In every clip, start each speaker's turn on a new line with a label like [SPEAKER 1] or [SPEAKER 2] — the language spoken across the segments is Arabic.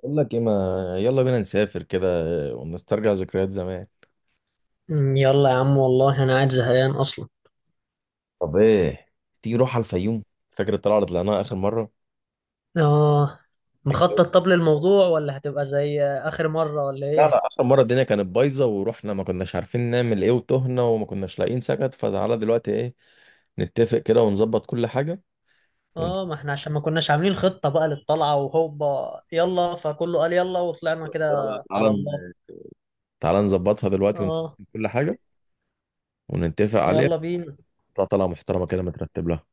[SPEAKER 1] اقول لك ايه ما، يلا بينا نسافر كده ونسترجع ذكريات زمان.
[SPEAKER 2] يلا يا عم، والله انا قاعد زهقان اصلا.
[SPEAKER 1] طب ايه، تيجي نروح على الفيوم؟ فاكر الطلعه اللي طلعناها اخر مره؟
[SPEAKER 2] اه. مخطط
[SPEAKER 1] الجو-
[SPEAKER 2] طب للموضوع ولا هتبقى زي اخر مرة ولا
[SPEAKER 1] لا لا،
[SPEAKER 2] ايه؟
[SPEAKER 1] اخر مره الدنيا كانت بايظه ورحنا ما كناش عارفين نعمل ايه، وتهنا وما كناش لاقيين سكت، فتعالى دلوقتي ايه، نتفق كده ونظبط كل حاجه. ون...
[SPEAKER 2] اه، ما احنا عشان ما كناش عاملين خطة بقى للطلعة وهوبا يلا، فكله قال يلا وطلعنا كده.
[SPEAKER 1] تعالى
[SPEAKER 2] على
[SPEAKER 1] تعالى،
[SPEAKER 2] الله.
[SPEAKER 1] تعالى نظبطها دلوقتي
[SPEAKER 2] اه،
[SPEAKER 1] ونسجل كل حاجه ونتفق عليها.
[SPEAKER 2] يلا بينا.
[SPEAKER 1] تطلع طلعه محترمه كده مترتب لها.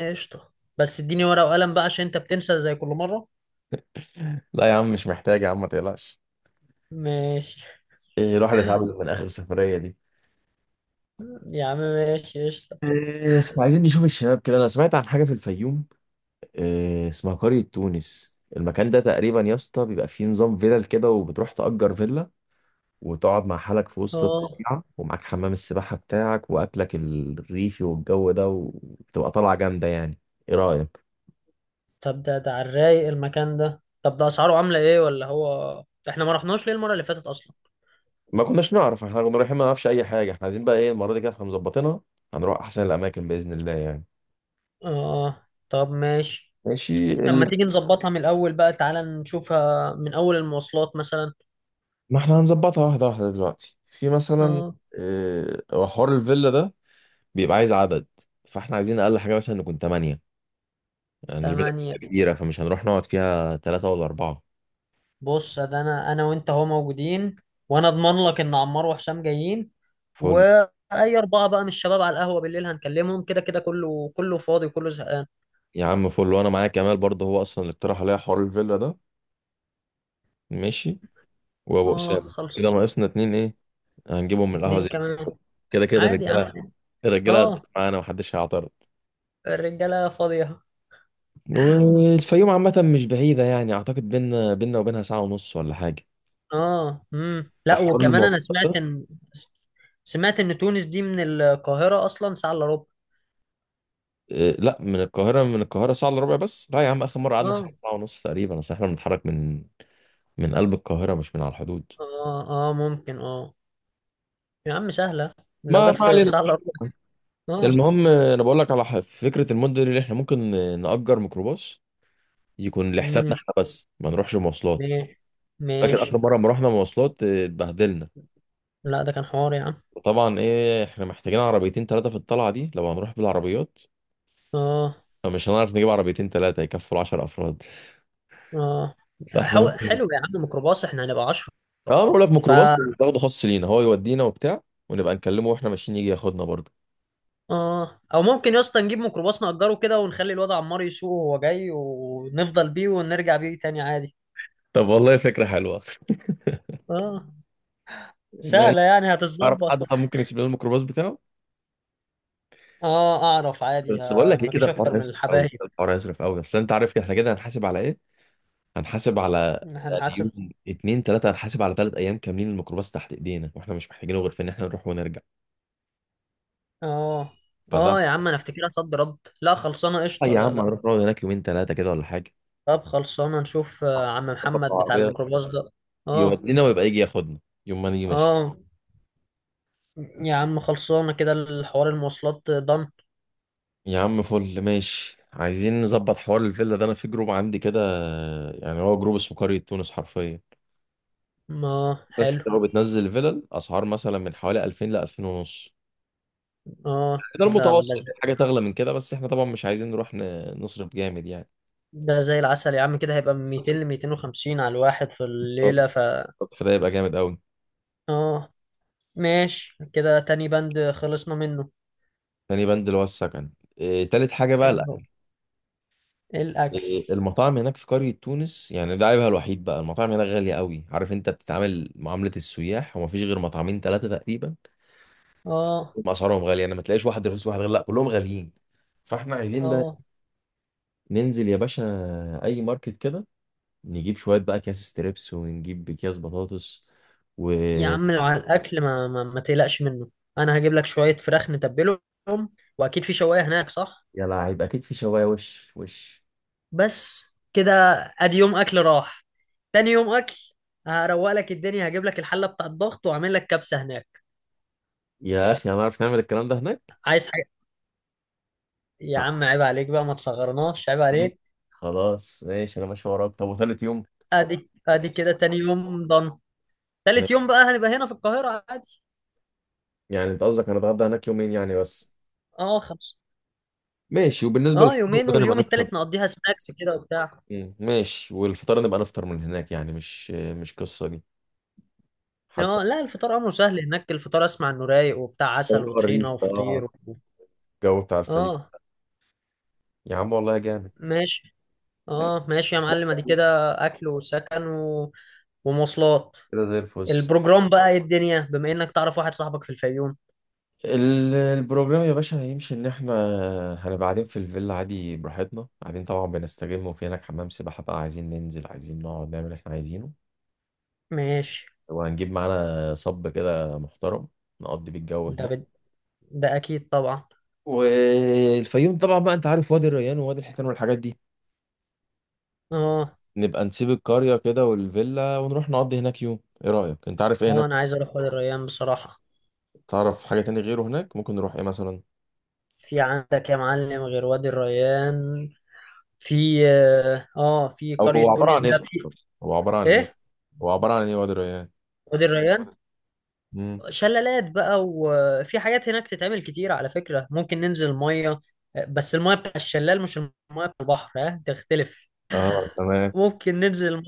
[SPEAKER 2] قشطة، بس اديني ورقة وقلم بقى عشان انت بتنسى زي كل مرة.
[SPEAKER 1] لا يا عم مش محتاج يا عم، ما تقلقش.
[SPEAKER 2] ماشي
[SPEAKER 1] ايه الواحد اتعب من اخر سفريه دي.
[SPEAKER 2] يا عم، ماشي قشطة.
[SPEAKER 1] إيه، بس عايزين نشوف الشباب كده، انا سمعت عن حاجه في الفيوم. إيه، اسمها قريه تونس. المكان ده تقريبا يا اسطى بيبقى فيه نظام فيلل كده، وبتروح تأجر فيلا وتقعد مع حالك في وسط
[SPEAKER 2] اه،
[SPEAKER 1] الطبيعه، ومعاك حمام السباحه بتاعك واكلك الريفي والجو ده، وبتبقى طالعه جامده يعني. ايه رايك؟
[SPEAKER 2] طب ده على الرايق المكان ده؟ طب ده اسعاره عاملة ايه؟ ولا هو احنا ما رحناش ليه المرة اللي فاتت اصلا؟
[SPEAKER 1] ما كناش نعرف، احنا كنا رايحين ما نعرفش اي حاجه. احنا عايزين بقى ايه المره دي، كده احنا مظبطينها. هنروح احسن الاماكن باذن الله يعني.
[SPEAKER 2] اه طب ماشي.
[SPEAKER 1] ماشي
[SPEAKER 2] طب ما
[SPEAKER 1] اللي...
[SPEAKER 2] تيجي نظبطها من الأول بقى، تعالى نشوفها من أول المواصلات مثلا.
[SPEAKER 1] ما احنا هنظبطها واحده واحده دلوقتي. في مثلا
[SPEAKER 2] اه.
[SPEAKER 1] إيه، هو حوار الفيلا ده بيبقى عايز عدد، فاحنا عايزين اقل حاجه مثلا نكون 8. يعني الفيلا بتبقى
[SPEAKER 2] تمانية.
[SPEAKER 1] كبيره فمش هنروح نقعد فيها ثلاثه ولا اربعه.
[SPEAKER 2] بص، ده أنا وأنت أهو موجودين، وأنا أضمن لك إن عمار وحسام جايين.
[SPEAKER 1] فل.
[SPEAKER 2] وأي أربعة بقى من الشباب على القهوة بالليل هنكلمهم، كده كده كله كله فاضي وكله زهقان.
[SPEAKER 1] يا عم فل، وانا معايا كمال برضه هو اصلا اللي اقترح عليا حوار الفيلا ده. ماشي. وابو
[SPEAKER 2] اه
[SPEAKER 1] اسامه كده،
[SPEAKER 2] خلص.
[SPEAKER 1] ناقصنا اتنين، ايه هنجيبهم من القهوه
[SPEAKER 2] اتنين
[SPEAKER 1] زي ما أنت
[SPEAKER 2] كمان
[SPEAKER 1] قلت. كده كده
[SPEAKER 2] عادي يا عم.
[SPEAKER 1] الرجاله، الرجاله هتضيف
[SPEAKER 2] اه،
[SPEAKER 1] معانا محدش هيعترض.
[SPEAKER 2] الرجالة فاضية.
[SPEAKER 1] والفيوم عامه مش بعيده يعني، اعتقد بينا وبينها ساعه ونص ولا حاجه.
[SPEAKER 2] اه، لا،
[SPEAKER 1] فحوار
[SPEAKER 2] وكمان أنا
[SPEAKER 1] المواصلات
[SPEAKER 2] سمعت إن تونس دي من القاهرة أصلا ساعة إلا ربع.
[SPEAKER 1] إيه، لا من القاهرة، من القاهرة ساعة إلا ربع بس. لا يا عم آخر مرة قعدنا
[SPEAKER 2] اه
[SPEAKER 1] حوالي ساعة ونص تقريبا، أصل إحنا بنتحرك من من قلب القاهرة مش من على الحدود.
[SPEAKER 2] اه. اه ممكن. اه يا عم سهلة، لو
[SPEAKER 1] ما
[SPEAKER 2] جت
[SPEAKER 1] ما
[SPEAKER 2] في
[SPEAKER 1] علينا.
[SPEAKER 2] سهلة أروح. اه.
[SPEAKER 1] المهم أنا بقول لك على فكرة، المدة اللي إحنا ممكن نأجر ميكروباص يكون لحسابنا
[SPEAKER 2] امم
[SPEAKER 1] إحنا بس ما نروحش مواصلات.
[SPEAKER 2] ماشي،
[SPEAKER 1] فاكر آخر
[SPEAKER 2] ماشي.
[SPEAKER 1] مرة لما رحنا مواصلات اتبهدلنا.
[SPEAKER 2] لا، ده كان حوار يا عم.
[SPEAKER 1] وطبعا إيه، إحنا محتاجين عربيتين ثلاثة في الطلعة دي لو هنروح بالعربيات.
[SPEAKER 2] اه.
[SPEAKER 1] فمش هنعرف نجيب عربيتين ثلاثة يكفوا 10 أفراد
[SPEAKER 2] اه.
[SPEAKER 1] فإحنا ممكن.
[SPEAKER 2] حلو يا عم، ميكروباص، احنا هنبقى عشرة.
[SPEAKER 1] اه، بقول لك
[SPEAKER 2] فا،
[SPEAKER 1] ميكروباص بناخده خاص لينا، هو يودينا وبتاع، ونبقى نكلمه واحنا ماشيين يجي ياخدنا برضه.
[SPEAKER 2] اه، او ممكن يا اسطى نجيب ميكروباص نأجره كده ونخلي الواد عمار يسوق وهو جاي، ونفضل بيه ونرجع بيه تاني عادي.
[SPEAKER 1] طب والله فكرة حلوة.
[SPEAKER 2] اه،
[SPEAKER 1] ماشي.
[SPEAKER 2] سهلة يعني
[SPEAKER 1] اعرف
[SPEAKER 2] هتتظبط.
[SPEAKER 1] حد طب ممكن يسيب لنا الميكروباص بتاعه؟
[SPEAKER 2] اه اعرف عادي،
[SPEAKER 1] بس بقول لك ايه، كده
[SPEAKER 2] مفيش اكتر
[SPEAKER 1] الحوار
[SPEAKER 2] من
[SPEAKER 1] يسرف قوي،
[SPEAKER 2] الحبايب.
[SPEAKER 1] الحوار يسرف قوي، اصل انت عارف كده احنا كده هنحاسب على ايه. هنحاسب على يعني
[SPEAKER 2] هنحاسب.
[SPEAKER 1] يوم اتنين تلاته، هنحاسب على 3 ايام كاملين الميكروباص تحت ايدينا، واحنا مش محتاجينه غير في ان احنا نروح ونرجع.
[SPEAKER 2] اه.
[SPEAKER 1] فده
[SPEAKER 2] اه يا عم، انا افتكرها صد رد. لا خلصانة
[SPEAKER 1] آه
[SPEAKER 2] قشطة،
[SPEAKER 1] يا
[SPEAKER 2] لا
[SPEAKER 1] عم،
[SPEAKER 2] لا.
[SPEAKER 1] هنروح نقعد هناك يومين تلاته كده ولا حاجه.
[SPEAKER 2] طب خلصانة، نشوف عم
[SPEAKER 1] نظبط
[SPEAKER 2] محمد بتاع
[SPEAKER 1] العربيه
[SPEAKER 2] الميكروباص ده. اه.
[SPEAKER 1] يودينا ويبقى يجي ياخدنا يوم ما نيجي ماشيين.
[SPEAKER 2] اه يا عم، خلصانة كده الحوار، المواصلات ضن.
[SPEAKER 1] يا عم فل، ماشي. عايزين نظبط حوار الفيلا ده، انا في جروب عندي كده، يعني هو جروب اسمه قرية تونس حرفيا.
[SPEAKER 2] اه
[SPEAKER 1] ناس
[SPEAKER 2] حلو.
[SPEAKER 1] كتير قوي بتنزل فيلل، اسعار مثلا من حوالي 2000 ل 2000 ونص،
[SPEAKER 2] اه،
[SPEAKER 1] ده
[SPEAKER 2] ده ده
[SPEAKER 1] المتوسط. في
[SPEAKER 2] زي,
[SPEAKER 1] حاجة تغلى من كده، بس احنا طبعا مش عايزين نروح نصرف جامد يعني.
[SPEAKER 2] ده زي العسل يا عم، كده هيبقى من 200 ل 250 على الواحد في
[SPEAKER 1] بالظبط.
[SPEAKER 2] الليلة ف
[SPEAKER 1] فده يبقى جامد قوي.
[SPEAKER 2] اه. ماشي، كده تاني بند خلصنا منه.
[SPEAKER 1] تاني بند اللي هو السكن. إيه، تالت حاجة بقى الأكل.
[SPEAKER 2] ال- الأكل.
[SPEAKER 1] إيه، المطاعم هناك في قرية تونس، يعني ده عيبها الوحيد بقى، المطاعم هناك غالية قوي، عارف انت بتتعامل معاملة السياح، ومفيش غير مطعمين ثلاثة تقريبا.
[SPEAKER 2] اه.
[SPEAKER 1] هم اسعارهم غاليه يعني، ما تلاقيش واحد رخيص وواحد غالي، لا كلهم غاليين. فاحنا عايزين بقى
[SPEAKER 2] اه
[SPEAKER 1] ننزل يا باشا اي ماركت كده، نجيب شويه بقى اكياس ستريبس ونجيب اكياس بطاطس و
[SPEAKER 2] يا عم، لو على الأكل ما تقلقش منه. أنا هجيب لك شوية فراخ نتبلهم، وأكيد في شواية هناك صح؟
[SPEAKER 1] يا لعيب اكيد في شوايه، وش وش.
[SPEAKER 2] بس كده، ادي يوم اكل راح. تاني يوم اكل هروق لك الدنيا، هجيب لك الحله بتاع الضغط واعمل لك كبسه هناك.
[SPEAKER 1] يا اخي هنعرف نعمل الكلام ده هناك؟
[SPEAKER 2] عايز حاجه؟ يا
[SPEAKER 1] آه،
[SPEAKER 2] عم عيب عليك بقى، ما تصغرناش، عيب عليك.
[SPEAKER 1] خلاص ماشي، انا ماشي وراك. طب وثالث يوم؟
[SPEAKER 2] ادي كده تاني يوم ضن.
[SPEAKER 1] م-
[SPEAKER 2] تالت يوم بقى هنبقى هنا في القاهره عادي.
[SPEAKER 1] يعني انت قصدك هنتغدى هناك يومين يعني بس؟
[SPEAKER 2] اه خمسه.
[SPEAKER 1] ماشي، وبالنسبه
[SPEAKER 2] اه،
[SPEAKER 1] للفطار
[SPEAKER 2] يومين،
[SPEAKER 1] وكده نبقى
[SPEAKER 2] واليوم
[SPEAKER 1] نفطر.
[SPEAKER 2] التالت نقضيها سناكس كده وبتاع.
[SPEAKER 1] مم، ماشي. والفطار نبقى نفطر من هناك يعني، مش قصه دي حتى.
[SPEAKER 2] اه لا، الفطار امره سهل هناك، الفطار اسمع انه رايق وبتاع،
[SPEAKER 1] مش فطار
[SPEAKER 2] عسل وطحينه
[SPEAKER 1] الريف اه،
[SPEAKER 2] وفطير و...
[SPEAKER 1] الجو بتاع الفيوم،
[SPEAKER 2] اه.
[SPEAKER 1] يا عم والله جامد.
[SPEAKER 2] ماشي.
[SPEAKER 1] ماشي.
[SPEAKER 2] اه ماشي يا معلم، ادي كده. اكل وسكن و... ومواصلات.
[SPEAKER 1] كده زي الفل.
[SPEAKER 2] البروجرام بقى ايه، الدنيا بما انك تعرف واحد صاحبك في الفيوم؟
[SPEAKER 1] البروجرام يا باشا هيمشي ان احنا هنبقى قاعدين في الفيلا عادي براحتنا، قاعدين طبعا بنستجم، وفي هناك حمام سباحة بقى عايزين ننزل، عايزين نقعد نعمل اللي احنا عايزينه.
[SPEAKER 2] ماشي.
[SPEAKER 1] وهنجيب معانا صب كده محترم، نقضي بالجو
[SPEAKER 2] ده
[SPEAKER 1] هناك.
[SPEAKER 2] بد... ده اكيد طبعا.
[SPEAKER 1] والفيوم طبعا بقى انت عارف وادي الريان ووادي الحيتان والحاجات دي،
[SPEAKER 2] اه.
[SPEAKER 1] نبقى نسيب القرية كده والفيلا ونروح نقضي هناك يوم. ايه رأيك؟ انت عارف ايه
[SPEAKER 2] اه
[SPEAKER 1] هناك؟
[SPEAKER 2] انا عايز اروح وادي الريان بصراحة.
[SPEAKER 1] تعرف حاجة تاني غيره هناك ممكن نروح ايه مثلا؟
[SPEAKER 2] في عندك يا معلم غير وادي الريان؟ في اه، في
[SPEAKER 1] او هو
[SPEAKER 2] قرية
[SPEAKER 1] عبارة
[SPEAKER 2] تونس
[SPEAKER 1] عن
[SPEAKER 2] ده
[SPEAKER 1] ايه؟
[SPEAKER 2] في.
[SPEAKER 1] هو عبارة عن ايه؟
[SPEAKER 2] ايه؟
[SPEAKER 1] هو عبارة عن ايه وادر يعني؟
[SPEAKER 2] وادي الريان
[SPEAKER 1] امم،
[SPEAKER 2] شلالات بقى، وفي حاجات هناك تتعمل كتير على فكرة، ممكن ننزل مية، بس المية بتاع الشلال مش المية بتاع البحر، ها تختلف.
[SPEAKER 1] اه تمام.
[SPEAKER 2] ممكن ننزل المية،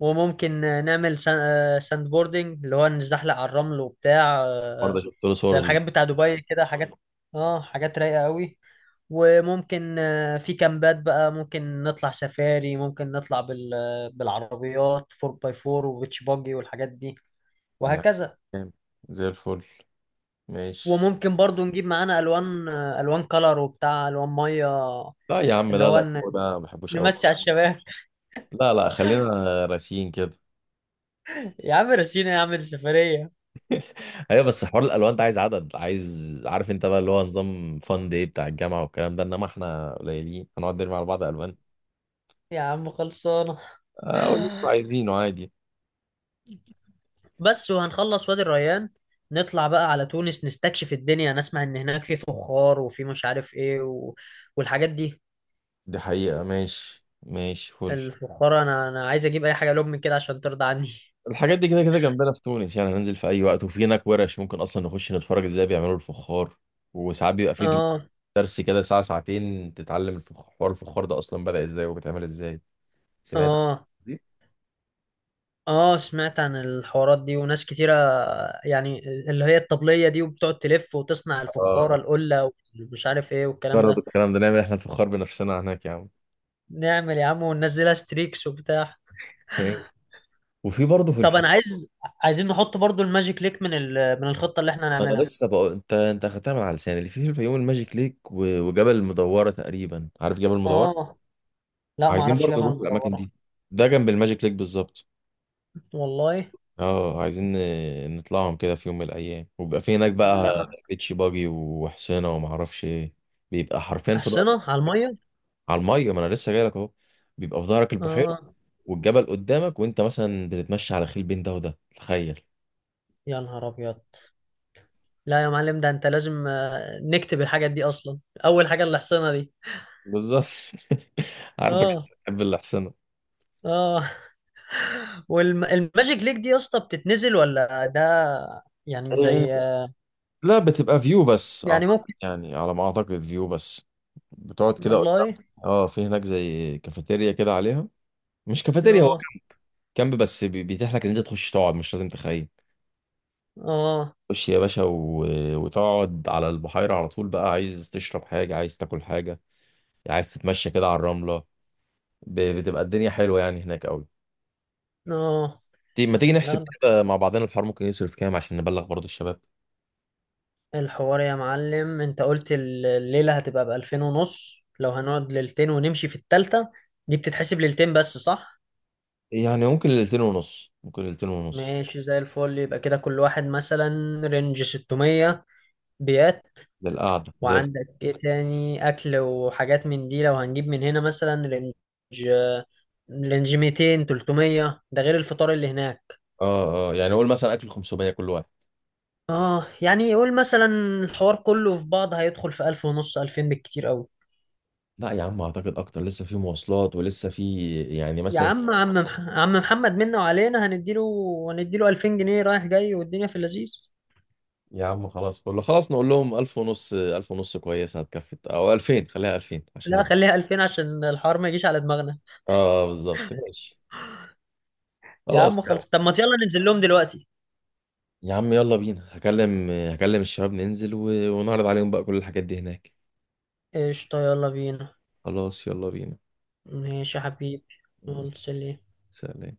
[SPEAKER 2] وممكن نعمل ساند بوردنج، اللي هو نزحلق على الرمل وبتاع،
[SPEAKER 1] برضه شفت له صور
[SPEAKER 2] زي
[SPEAKER 1] فيديو.
[SPEAKER 2] الحاجات بتاع دبي كده حاجات. اه، حاجات رايقة قوي. وممكن في كامبات بقى، ممكن نطلع سفاري، ممكن نطلع بالعربيات 4 باي 4 وبيتش باجي والحاجات دي،
[SPEAKER 1] يعني
[SPEAKER 2] وهكذا.
[SPEAKER 1] جامد. زي الفل. ماشي.
[SPEAKER 2] وممكن برضو نجيب معانا الوان، الوان كلر وبتاع، الوان ميه.
[SPEAKER 1] لا يا عم
[SPEAKER 2] اللي
[SPEAKER 1] لا
[SPEAKER 2] هو
[SPEAKER 1] لا، هو ده ما بحبوش قوي.
[SPEAKER 2] نمشي على الشباب.
[SPEAKER 1] لا لا، خلينا راسيين كده.
[SPEAKER 2] يا عم رسينا يا عم السفرية.
[SPEAKER 1] ايوه بس حوار الالوان ده عايز عدد، عايز. عارف انت بقى اللي هو نظام فان داي بتاع الجامعه والكلام ده، انما احنا قليلين هنقعد نرمي على بعض الوان.
[SPEAKER 2] يا عم خلصانة.
[SPEAKER 1] اقول اللي انتوا عايزينه عادي.
[SPEAKER 2] بس، وهنخلص وادي الريان، نطلع بقى على تونس نستكشف الدنيا، نسمع ان هناك في فخار، وفي مش عارف ايه و... والحاجات دي.
[SPEAKER 1] دي حقيقة، ماشي ماشي فل.
[SPEAKER 2] الفخار انا عايز اجيب اي حاجه لهم من كده عشان ترضى عني.
[SPEAKER 1] الحاجات دي كده كده جنبنا في تونس، يعني هننزل في اي وقت. وفي هناك ورش ممكن اصلا نخش نتفرج ازاي بيعملوا الفخار، وساعات بيبقى في دروس،
[SPEAKER 2] اه.
[SPEAKER 1] درس كده ساعة ساعتين تتعلم الفخار، حوار الفخار ده اصلا بدأ ازاي وبيتعمل ازاي؟ سمعت عن
[SPEAKER 2] اه.
[SPEAKER 1] دي؟
[SPEAKER 2] اه سمعت عن الحوارات دي وناس كتيره يعني، اللي هي الطبليه دي وبتقعد تلف وتصنع الفخاره
[SPEAKER 1] اه.
[SPEAKER 2] القله، ومش عارف ايه والكلام
[SPEAKER 1] جرب
[SPEAKER 2] ده.
[SPEAKER 1] الكلام ده، نعمل احنا الفخار بنفسنا هناك يا عم.
[SPEAKER 2] نعمل يا عم، وننزلها ستريكس وبتاع.
[SPEAKER 1] وفي برضه في
[SPEAKER 2] طب
[SPEAKER 1] الفيوم،
[SPEAKER 2] انا عايز، عايزين نحط برضو الماجيك ليك من من الخطه اللي احنا
[SPEAKER 1] انا
[SPEAKER 2] هنعملها.
[SPEAKER 1] لسه بقول انت اخدتها من على لساني، اللي في الفيوم الماجيك ليك وجبل المدورة تقريبا. عارف جبل المدورة؟
[SPEAKER 2] اه لا، ما
[SPEAKER 1] عايزين
[SPEAKER 2] اعرفش
[SPEAKER 1] برضه
[SPEAKER 2] جبل
[SPEAKER 1] نروح الاماكن
[SPEAKER 2] مدورة.
[SPEAKER 1] دي، ده جنب الماجيك ليك بالظبط.
[SPEAKER 2] والله.
[SPEAKER 1] اه، عايزين نطلعهم كده في يوم من الايام، وبيبقى في هناك بقى
[SPEAKER 2] لا.
[SPEAKER 1] بيتش باجي وحصينه وما اعرفش ايه. بيبقى حرفيا في
[SPEAKER 2] أحصنة
[SPEAKER 1] ظهرك.
[SPEAKER 2] على المية.
[SPEAKER 1] على الميه، ما انا لسه جاي لك اهو، بيبقى في ظهرك البحيره
[SPEAKER 2] اه
[SPEAKER 1] والجبل قدامك، وانت مثلا بتتمشى على خيل بين ده وده، تخيل.
[SPEAKER 2] يا نهار ابيض. لا يا معلم، ده انت لازم نكتب الحاجات دي اصلا. اول حاجة الأحصنة دي.
[SPEAKER 1] بالظبط. عارفك
[SPEAKER 2] اه.
[SPEAKER 1] انت بتحب الاحسنه.
[SPEAKER 2] اه. والماجيك ليك دي يا اسطى بتتنزل ولا ده يعني
[SPEAKER 1] آه،
[SPEAKER 2] زي
[SPEAKER 1] لا بتبقى فيو بس
[SPEAKER 2] يعني
[SPEAKER 1] اعتقد،
[SPEAKER 2] ممكن.
[SPEAKER 1] يعني على ما اعتقد فيو بس. بتقعد كده قدام.
[SPEAKER 2] والله.
[SPEAKER 1] اه في هناك زي كافيتيريا كده عليها، مش كافيتيريا، هو
[SPEAKER 2] اه
[SPEAKER 1] كامب، بس بيتيح لك ان انت تخش تقعد مش لازم تخيم.
[SPEAKER 2] اه
[SPEAKER 1] خش يا باشا وتقعد على البحيرة على طول بقى. عايز تشرب حاجة، عايز تاكل حاجة، عايز تتمشى كده على الرملة. بتبقى الدنيا حلوة يعني هناك أوي.
[SPEAKER 2] اه.
[SPEAKER 1] ما تيجي
[SPEAKER 2] لا
[SPEAKER 1] نحسب
[SPEAKER 2] لا،
[SPEAKER 1] كده مع بعضنا، الحوار ممكن يصرف كام عشان نبلغ برضو الشباب؟
[SPEAKER 2] الحوار يا معلم انت قلت الليلة هتبقى بألفين ونص، لو هنقعد ليلتين ونمشي في التالتة، دي بتتحسب ليلتين بس صح؟
[SPEAKER 1] يعني ممكن ليلتين ونص، ممكن ليلتين ونص
[SPEAKER 2] ماشي زي الفل، يبقى كده كل واحد مثلا رينج 600. بيات.
[SPEAKER 1] للقعدة زي
[SPEAKER 2] وعندك ايه تاني، اكل وحاجات من دي لو هنجيب من هنا مثلا، رينج 200 300، ده غير الفطار اللي هناك.
[SPEAKER 1] اه اه. يعني قول مثلا أكل 500 كل واحد.
[SPEAKER 2] اه يعني يقول مثلا، الحوار كله في بعض هيدخل في 1000 ونص 2000 بالكتير قوي.
[SPEAKER 1] لا يا عم أعتقد أكتر، لسه في مواصلات ولسه في يعني
[SPEAKER 2] يا
[SPEAKER 1] مثلا.
[SPEAKER 2] عم، عم محمد منا وعلينا، هنديله 2000 جنيه رايح جاي والدنيا في اللذيذ.
[SPEAKER 1] يا عم خلاص، كله خلاص نقول لهم 1000 ونص، 1000 ونص كويسة هتكفي، أو 2000، خليها 2000 عشان
[SPEAKER 2] لا
[SPEAKER 1] نبقى.
[SPEAKER 2] خليها 2000 عشان الحوار ما يجيش على دماغنا.
[SPEAKER 1] اه بالظبط، ماشي.
[SPEAKER 2] يا
[SPEAKER 1] خلاص
[SPEAKER 2] عم
[SPEAKER 1] يا عم.
[SPEAKER 2] خلص، طب ما يلا ننزل لهم دلوقتي.
[SPEAKER 1] يا عم يلا بينا، هكلم الشباب، ننزل ونعرض عليهم بقى كل الحاجات دي هناك.
[SPEAKER 2] قشطة يلا بينا.
[SPEAKER 1] خلاص يلا بينا.
[SPEAKER 2] ماشي يا حبيبي. يلا
[SPEAKER 1] ماشي.
[SPEAKER 2] سلام.
[SPEAKER 1] سلام.